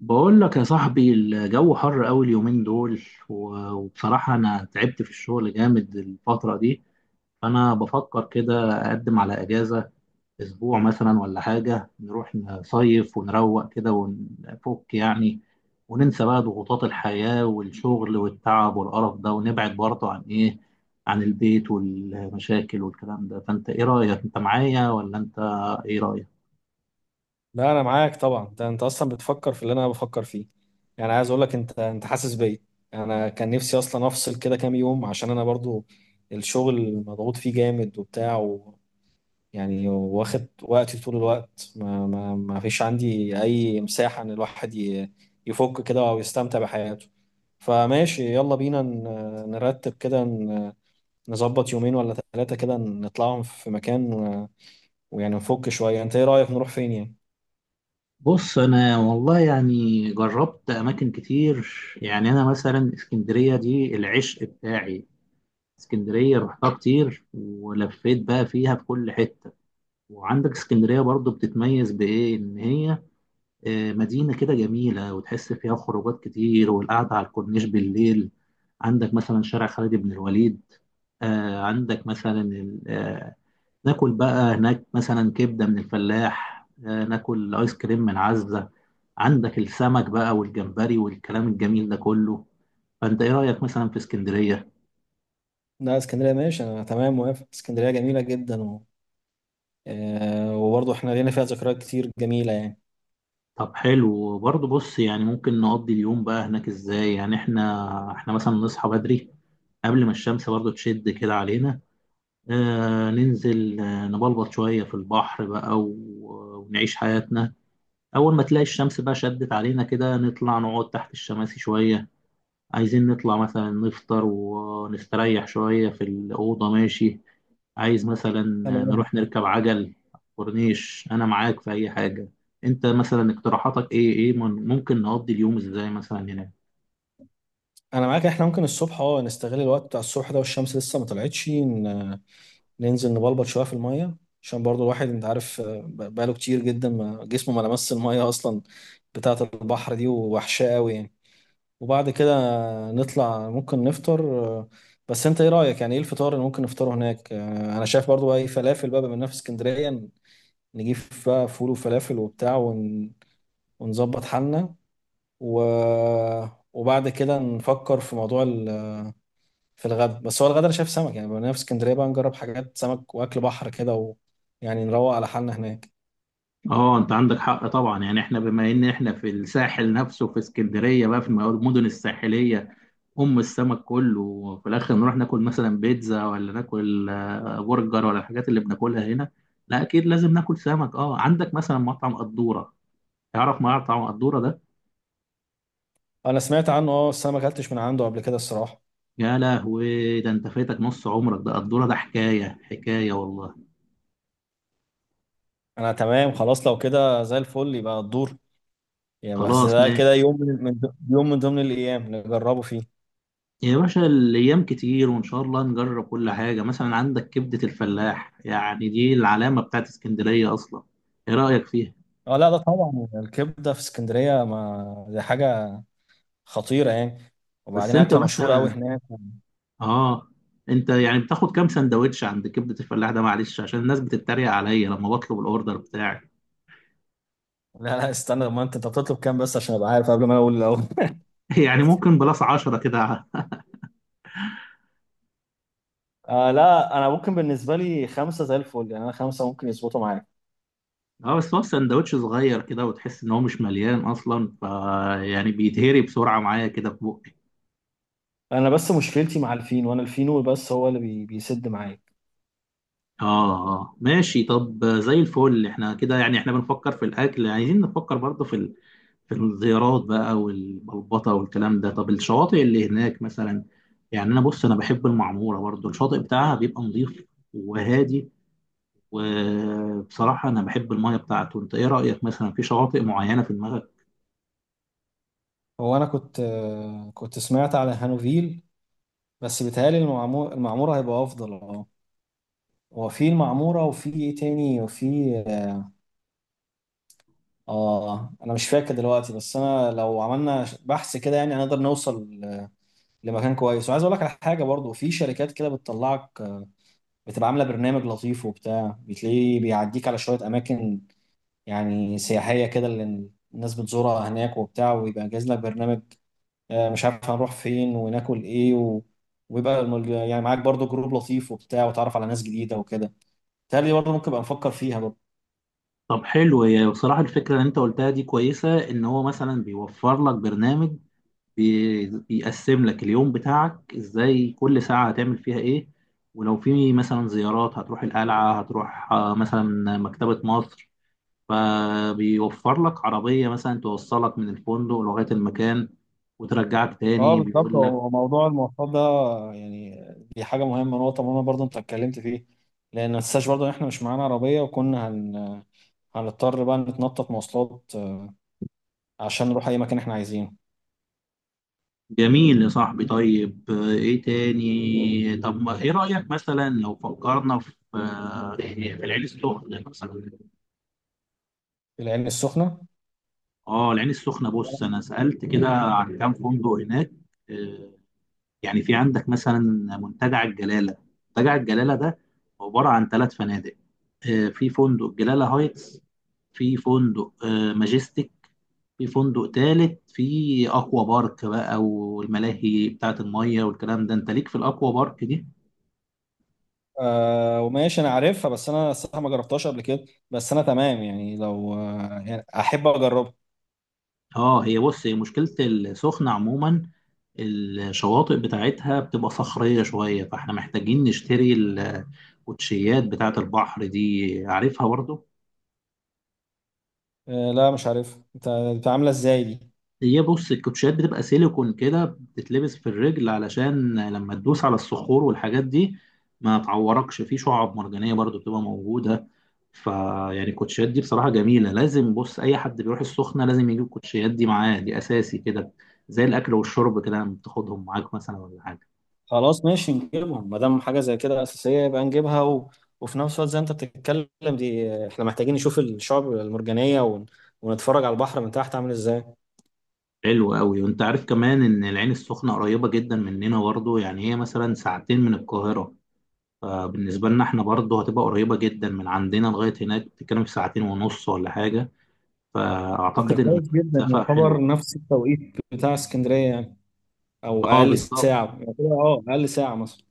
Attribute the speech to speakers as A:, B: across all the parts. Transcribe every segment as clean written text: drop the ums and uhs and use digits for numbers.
A: بقول لك يا صاحبي الجو حر قوي اليومين دول، وبصراحة أنا تعبت في الشغل جامد الفترة دي. فأنا بفكر كده أقدم على أجازة أسبوع مثلا ولا حاجة، نروح نصيف ونروق كده ونفك يعني، وننسى بقى ضغوطات الحياة والشغل والتعب والقرف ده، ونبعد برضه عن إيه، عن البيت والمشاكل والكلام ده. فأنت إيه رأيك؟ أنت معايا ولا أنت إيه رأيك؟
B: لا انا معاك طبعا. انت اصلا بتفكر في اللي انا بفكر فيه. يعني عايز اقول لك انت حاسس بيا. انا كان نفسي اصلا افصل كده كام يوم، عشان انا برضو الشغل مضغوط فيه جامد وبتاع، و يعني واخد وقتي طول الوقت. ما فيش عندي اي مساحة ان الواحد يفك كده او يستمتع بحياته. فماشي، يلا بينا نرتب كده، نظبط يومين ولا 3 كده، نطلعهم في مكان، ويعني نفك شوية. انت ايه رأيك نروح فين يعني؟
A: بص انا والله يعني جربت اماكن كتير. يعني انا مثلا اسكندريه دي العشق بتاعي. اسكندريه رحتها كتير ولفيت بقى فيها في كل حته. وعندك اسكندريه برضو بتتميز بايه؟ ان هي مدينه كده جميله، وتحس فيها خروجات كتير والقعده على الكورنيش بالليل. عندك مثلا شارع خالد بن الوليد، عندك مثلا ناكل بقى هناك مثلا كبدة من الفلاح، ناكل آيس كريم من عزة. عندك السمك بقى والجمبري والكلام الجميل ده كله. فأنت إيه رأيك مثلا في اسكندرية؟
B: لا، اسكندرية ماشي. أنا تمام، موافق، اسكندرية جميلة جدا آه، وبرضه احنا لينا فيها ذكريات كتير جميلة يعني.
A: طب حلو. برضه بص يعني ممكن نقضي اليوم بقى هناك إزاي؟ يعني إحنا مثلا نصحى بدري قبل ما الشمس برضه تشد كده علينا. آه ننزل آه نبلبط شوية في البحر بقى ونعيش حياتنا. أول ما تلاقي الشمس بقى شدت علينا كده نطلع نقعد تحت الشماسي شوية. عايزين نطلع مثلا نفطر ونستريح شوية في الأوضة. ماشي، عايز مثلا
B: تمام.
A: نروح نركب عجل كورنيش، أنا معاك في أي حاجة. أنت مثلا اقتراحاتك إيه؟ ممكن نقضي اليوم إزاي مثلا هناك؟
B: أنا معاك، احنا ممكن الصبح نستغل الوقت بتاع الصبح ده والشمس لسه ما طلعتش. ننزل نبلبط شوية في المية، عشان برضه الواحد أنت عارف، بقاله كتير جدا ما جسمه ما لمس المية أصلا بتاعة البحر دي، ووحشاه قوي يعني. وبعد كده نطلع ممكن نفطر. آه، بس أنت إيه رأيك، يعني إيه الفطار اللي ممكن نفطره هناك؟ أنا شايف برضه أي فلافل بقى، بما إننا في اسكندرية، نجيب بقى فول وفلافل وبتاع، ونظبط حالنا، و... وبعد كده نفكر في موضوع في الغدا. بس هو الغدا انا شايف سمك، يعني بما إننا في اسكندريه بقى نجرب حاجات سمك واكل بحر كده، يعني نروق على حالنا هناك.
A: اه انت عندك حق طبعا. يعني احنا بما ان احنا في الساحل نفسه في اسكندريه بقى في المدن الساحليه، ام السمك كله، وفي الاخر نروح ناكل مثلا بيتزا ولا ناكل برجر ولا الحاجات اللي بناكلها هنا؟ لا اكيد لازم ناكل سمك. اه عندك مثلا مطعم قدوره، تعرف معرض طبعا قدورة ده.
B: انا سمعت عنه اه، بس انا ما اكلتش من عنده قبل كده الصراحه.
A: يا لهوي، ده انت فاتك نص عمرك. ده قدورة ده حكاية حكاية والله.
B: انا تمام خلاص، لو كده زي الفل، يبقى الدور يعني. بس
A: خلاص
B: ده
A: ماشي
B: كده يوم من ضمن الايام نجربه فيه.
A: يا باشا، الأيام كتير وإن شاء الله نجرب كل حاجة. مثلا عندك كبدة الفلاح، يعني دي العلامة بتاعت اسكندرية أصلا. إيه رأيك فيها؟
B: اه لا، ده طبعا الكبده في اسكندريه، ما دي حاجه خطيره يعني،
A: بس
B: وبعدين
A: أنت
B: اكله مشهوره قوي
A: مثلا
B: هناك.
A: آه أنت يعني بتاخد كام سندوتش عند كبدة الفلاح ده؟ معلش عشان الناس بتتريق عليا لما بطلب الأوردر بتاعي.
B: لا لا، استنى، ما انت بتطلب كام بس عشان ابقى عارف قبل ما انا اقول الاول.
A: يعني ممكن بلاس 10 كده.
B: لا انا ممكن بالنسبه لي خمسه زي الفل، يعني انا خمسه ممكن يظبطوا معايا.
A: اه بس هو سندوتش صغير كده وتحس ان هو مش مليان اصلا، يعني بيتهري بسرعه معايا كده في بقي.
B: انا بس مشكلتي مع الفينو، انا الفينو بس هو اللي بيسد معايا.
A: ماشي طب زي الفل. احنا كده يعني احنا بنفكر في الاكل، عايزين نفكر برضه في في الزيارات بقى والبلبطه والكلام ده. طب الشواطئ اللي هناك مثلا؟ يعني انا بص انا بحب المعموره برضه، الشاطئ بتاعها بيبقى نظيف وهادي، وبصراحه انا بحب المايه بتاعته. انت ايه رايك مثلا في شواطئ معينه في دماغك؟
B: هو انا كنت سمعت على هانوفيل، بس بيتهيألي المعموره هيبقى افضل اه. هو في المعموره وفي ايه تاني وفي، اه انا مش فاكر دلوقتي، بس انا لو عملنا بحث كده يعني هنقدر نوصل لمكان كويس. وعايز اقول لك على حاجه برضو، في شركات كده بتطلعك، بتبقى عامله برنامج لطيف وبتاع، بتلاقيه بيعديك على شويه اماكن يعني سياحيه كده اللي الناس بتزورها هناك وبتاع، ويبقى جاهز لك برنامج، مش عارف هنروح فين وناكل ايه، ويبقى يعني معاك برضو جروب لطيف وبتاع، وتعرف على ناس جديده وكده. تالي برضو ممكن ابقى نفكر فيها برضو.
A: طب حلو. هي بصراحة الفكرة اللي انت قلتها دي كويسة، ان هو مثلا بيوفر لك برنامج، بيقسم لك اليوم بتاعك ازاي، كل ساعة هتعمل فيها ايه، ولو في مثلا زيارات هتروح القلعة، هتروح مثلا مكتبة مصر. فبيوفر لك عربية مثلا توصلك من الفندق لغاية المكان وترجعك
B: اه
A: تاني،
B: بالظبط،
A: بيقول لك.
B: هو موضوع المواصلات ده يعني، دي حاجه مهمه، نقطه مهمه برضو انت اتكلمت فيه، لان ما تنساش برضو ان احنا مش معانا عربيه، وكنا هنضطر بقى نتنطط مواصلات، عشان نروح اي مكان احنا عايزينه.
A: جميل يا صاحبي. طيب ايه تاني؟ طب ايه رأيك مثلا لو فكرنا في يعني في العين السخنة مثلا؟
B: العين السخنة.
A: اه العين السخنة، بص أنا سألت كده عن كام فندق هناك. آه، يعني في عندك مثلا منتجع الجلالة. منتجع الجلالة ده عبارة عن 3 فنادق. في فندق جلالة هايتس، في فندق ماجستيك، في فندق تالت في أكوا بارك بقى والملاهي بتاعة المية والكلام ده. أنت ليك في الأكوا بارك دي؟
B: وماشي، أنا عارفها، بس أنا الصراحة ما جربتهاش قبل كده، بس أنا تمام يعني، لو يعني أحب أجربها.
A: اه هي بص، هي مشكلة السخنة عموما الشواطئ بتاعتها بتبقى صخرية شوية، فاحنا محتاجين نشتري الكوتشيات بتاعة البحر دي، عارفها برضو؟
B: لا، مش عارف أنت أنت عاملة إزاي دي.
A: هي بص الكوتشيات بتبقى سيليكون كده، بتتلبس في الرجل علشان لما تدوس على الصخور والحاجات دي ما تعوركش. في شعاب مرجانية برضو بتبقى موجودة، فيعني الكوتشيات دي بصراحة جميلة. لازم بص أي حد بيروح السخنة لازم يجيب الكوتشيات دي معاه. دي أساسي كده زي الأكل والشرب كده. لما بتاخدهم معاك مثلا ولا حاجة.
B: خلاص ماشي، نجيبها ما دام حاجة زي كده أساسية، يبقى نجيبها، وفي نفس الوقت زي ما أنت بتتكلم دي، إحنا محتاجين نشوف الشعب المرجانية، ونتفرج على البحر من تحت عامل إزاي.
A: حلو قوي. وأنت عارف كمان إن العين السخنة قريبة جدا مننا برضو، يعني هي مثلا 2 ساعة من القاهرة. فبالنسبة لنا احنا برضه هتبقى قريبة جدا من عندنا لغاية هناك، بتتكلم في 2 ساعة ونص ولا حاجة.
B: طب ده
A: فأعتقد إن
B: كويس جدا،
A: المسافة حلوة.
B: يعتبر نفس التوقيت بتاع اسكندرية يعني، أو
A: اه
B: أقل
A: بالظبط.
B: ساعة يعني كده، أقل ساعة مثلا.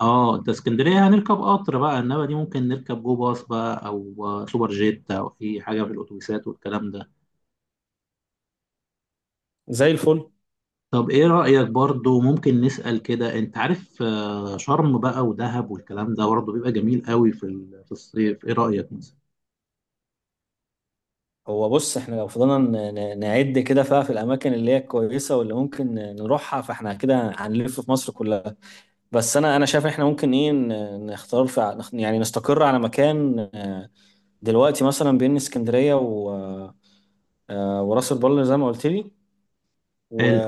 A: اه انت اسكندرية هنركب قطر بقى، انما دي ممكن نركب جو باص بقى او سوبر جيت او اي حاجة في الاتوبيسات والكلام ده.
B: زي الفل.
A: طب ايه رأيك برضه ممكن نسأل كده؟ انت عارف شرم بقى ودهب والكلام ده برضه بيبقى جميل قوي في في الصيف. ايه رأيك مثلا؟
B: هو بص، احنا لو فضلنا نعد كده فيها في الاماكن اللي هي كويسه واللي ممكن نروحها، فاحنا كده هنلف في مصر كلها. بس انا شايف احنا ممكن ايه، ن- نختار في ع- نخ- يعني نستقر على مكان، دلوقتي، مثلا بين اسكندريه وراس البر زي ما قلت لي، و...
A: حلو.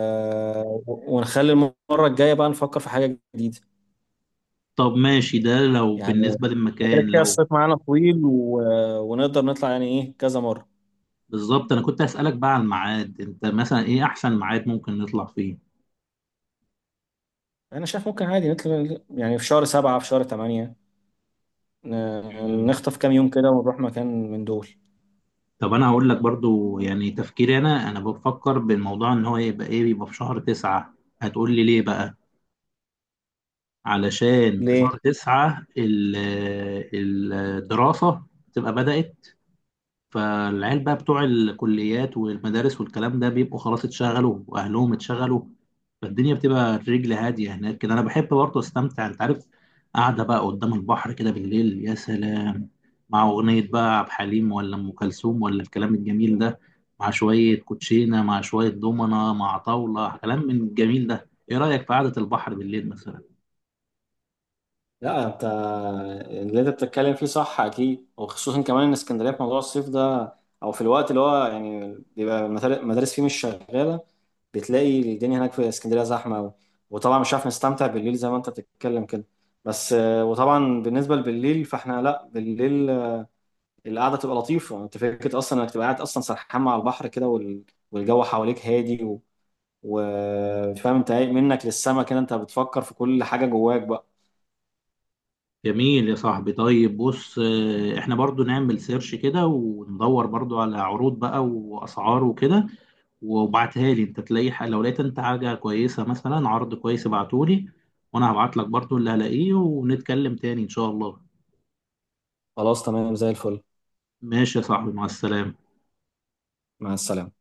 B: ونخلي المره الجايه بقى نفكر في حاجه جديده.
A: طب ماشي ده لو
B: يعني
A: بالنسبة
B: احنا كده
A: للمكان.
B: كده
A: لو
B: الصيف معانا طويل، ونقدر نطلع يعني ايه كذا مره.
A: بالظبط انا كنت اسالك بقى على الميعاد، انت مثلا ايه احسن ميعاد ممكن نطلع فيه؟
B: انا شايف ممكن عادي نطلع، يعني في شهر 7 في شهر 8،
A: مم.
B: نخطف كام يوم كده ونروح مكان من دول.
A: طب انا هقول لك برضو يعني تفكيري. انا بفكر بالموضوع ان هو يبقى ايه، يبقى في شهر 9. هتقول لي ليه بقى؟ علشان في
B: ليه؟
A: شهر 9 الدراسة تبقى بدأت. فالعيال بقى بتوع الكليات والمدارس والكلام ده بيبقوا خلاص اتشغلوا، واهلهم اتشغلوا. فالدنيا بتبقى الرجل هاديه هناك كده. انا بحب برضه استمتع، انت عارف، قاعده بقى قدام البحر كده بالليل يا سلام، مع اغنيه بقى عبد الحليم ولا ام كلثوم ولا الكلام الجميل ده، مع شويه كوتشينه مع شويه دومنه مع طاوله، كلام من الجميل ده. ايه رايك في قعده البحر بالليل مثلا؟
B: لا، انت اللي انت بتتكلم فيه صح اكيد، وخصوصا كمان ان اسكندريه في موضوع الصيف ده، او في الوقت اللي هو يعني بيبقى المدارس فيه مش شغاله، بتلاقي الدنيا هناك في اسكندريه زحمه قوي، وطبعا مش عارف نستمتع بالليل زي ما انت بتتكلم كده. بس وطبعا بالنسبه لبالليل، فاحنا لا، بالليل القعده تبقى لطيفه. انت فكره اصلا انك تبقى قاعد اصلا سرحان مع البحر كده، والجو حواليك هادي، وفاهم انت منك للسما كده، انت بتفكر في كل حاجة جواك بقى.
A: جميل يا صاحبي. طيب بص احنا برضو نعمل سيرش كده وندور برضو على عروض بقى واسعار وكده، وابعتها لي انت. تلاقي لو لقيت انت حاجة كويسة مثلا عرض كويس ابعتولي، وانا هبعت لك برضو اللي هلاقيه، ونتكلم تاني ان شاء الله.
B: خلاص، تمام، زي الفل.
A: ماشي يا صاحبي، مع السلامة.
B: مع السلامة.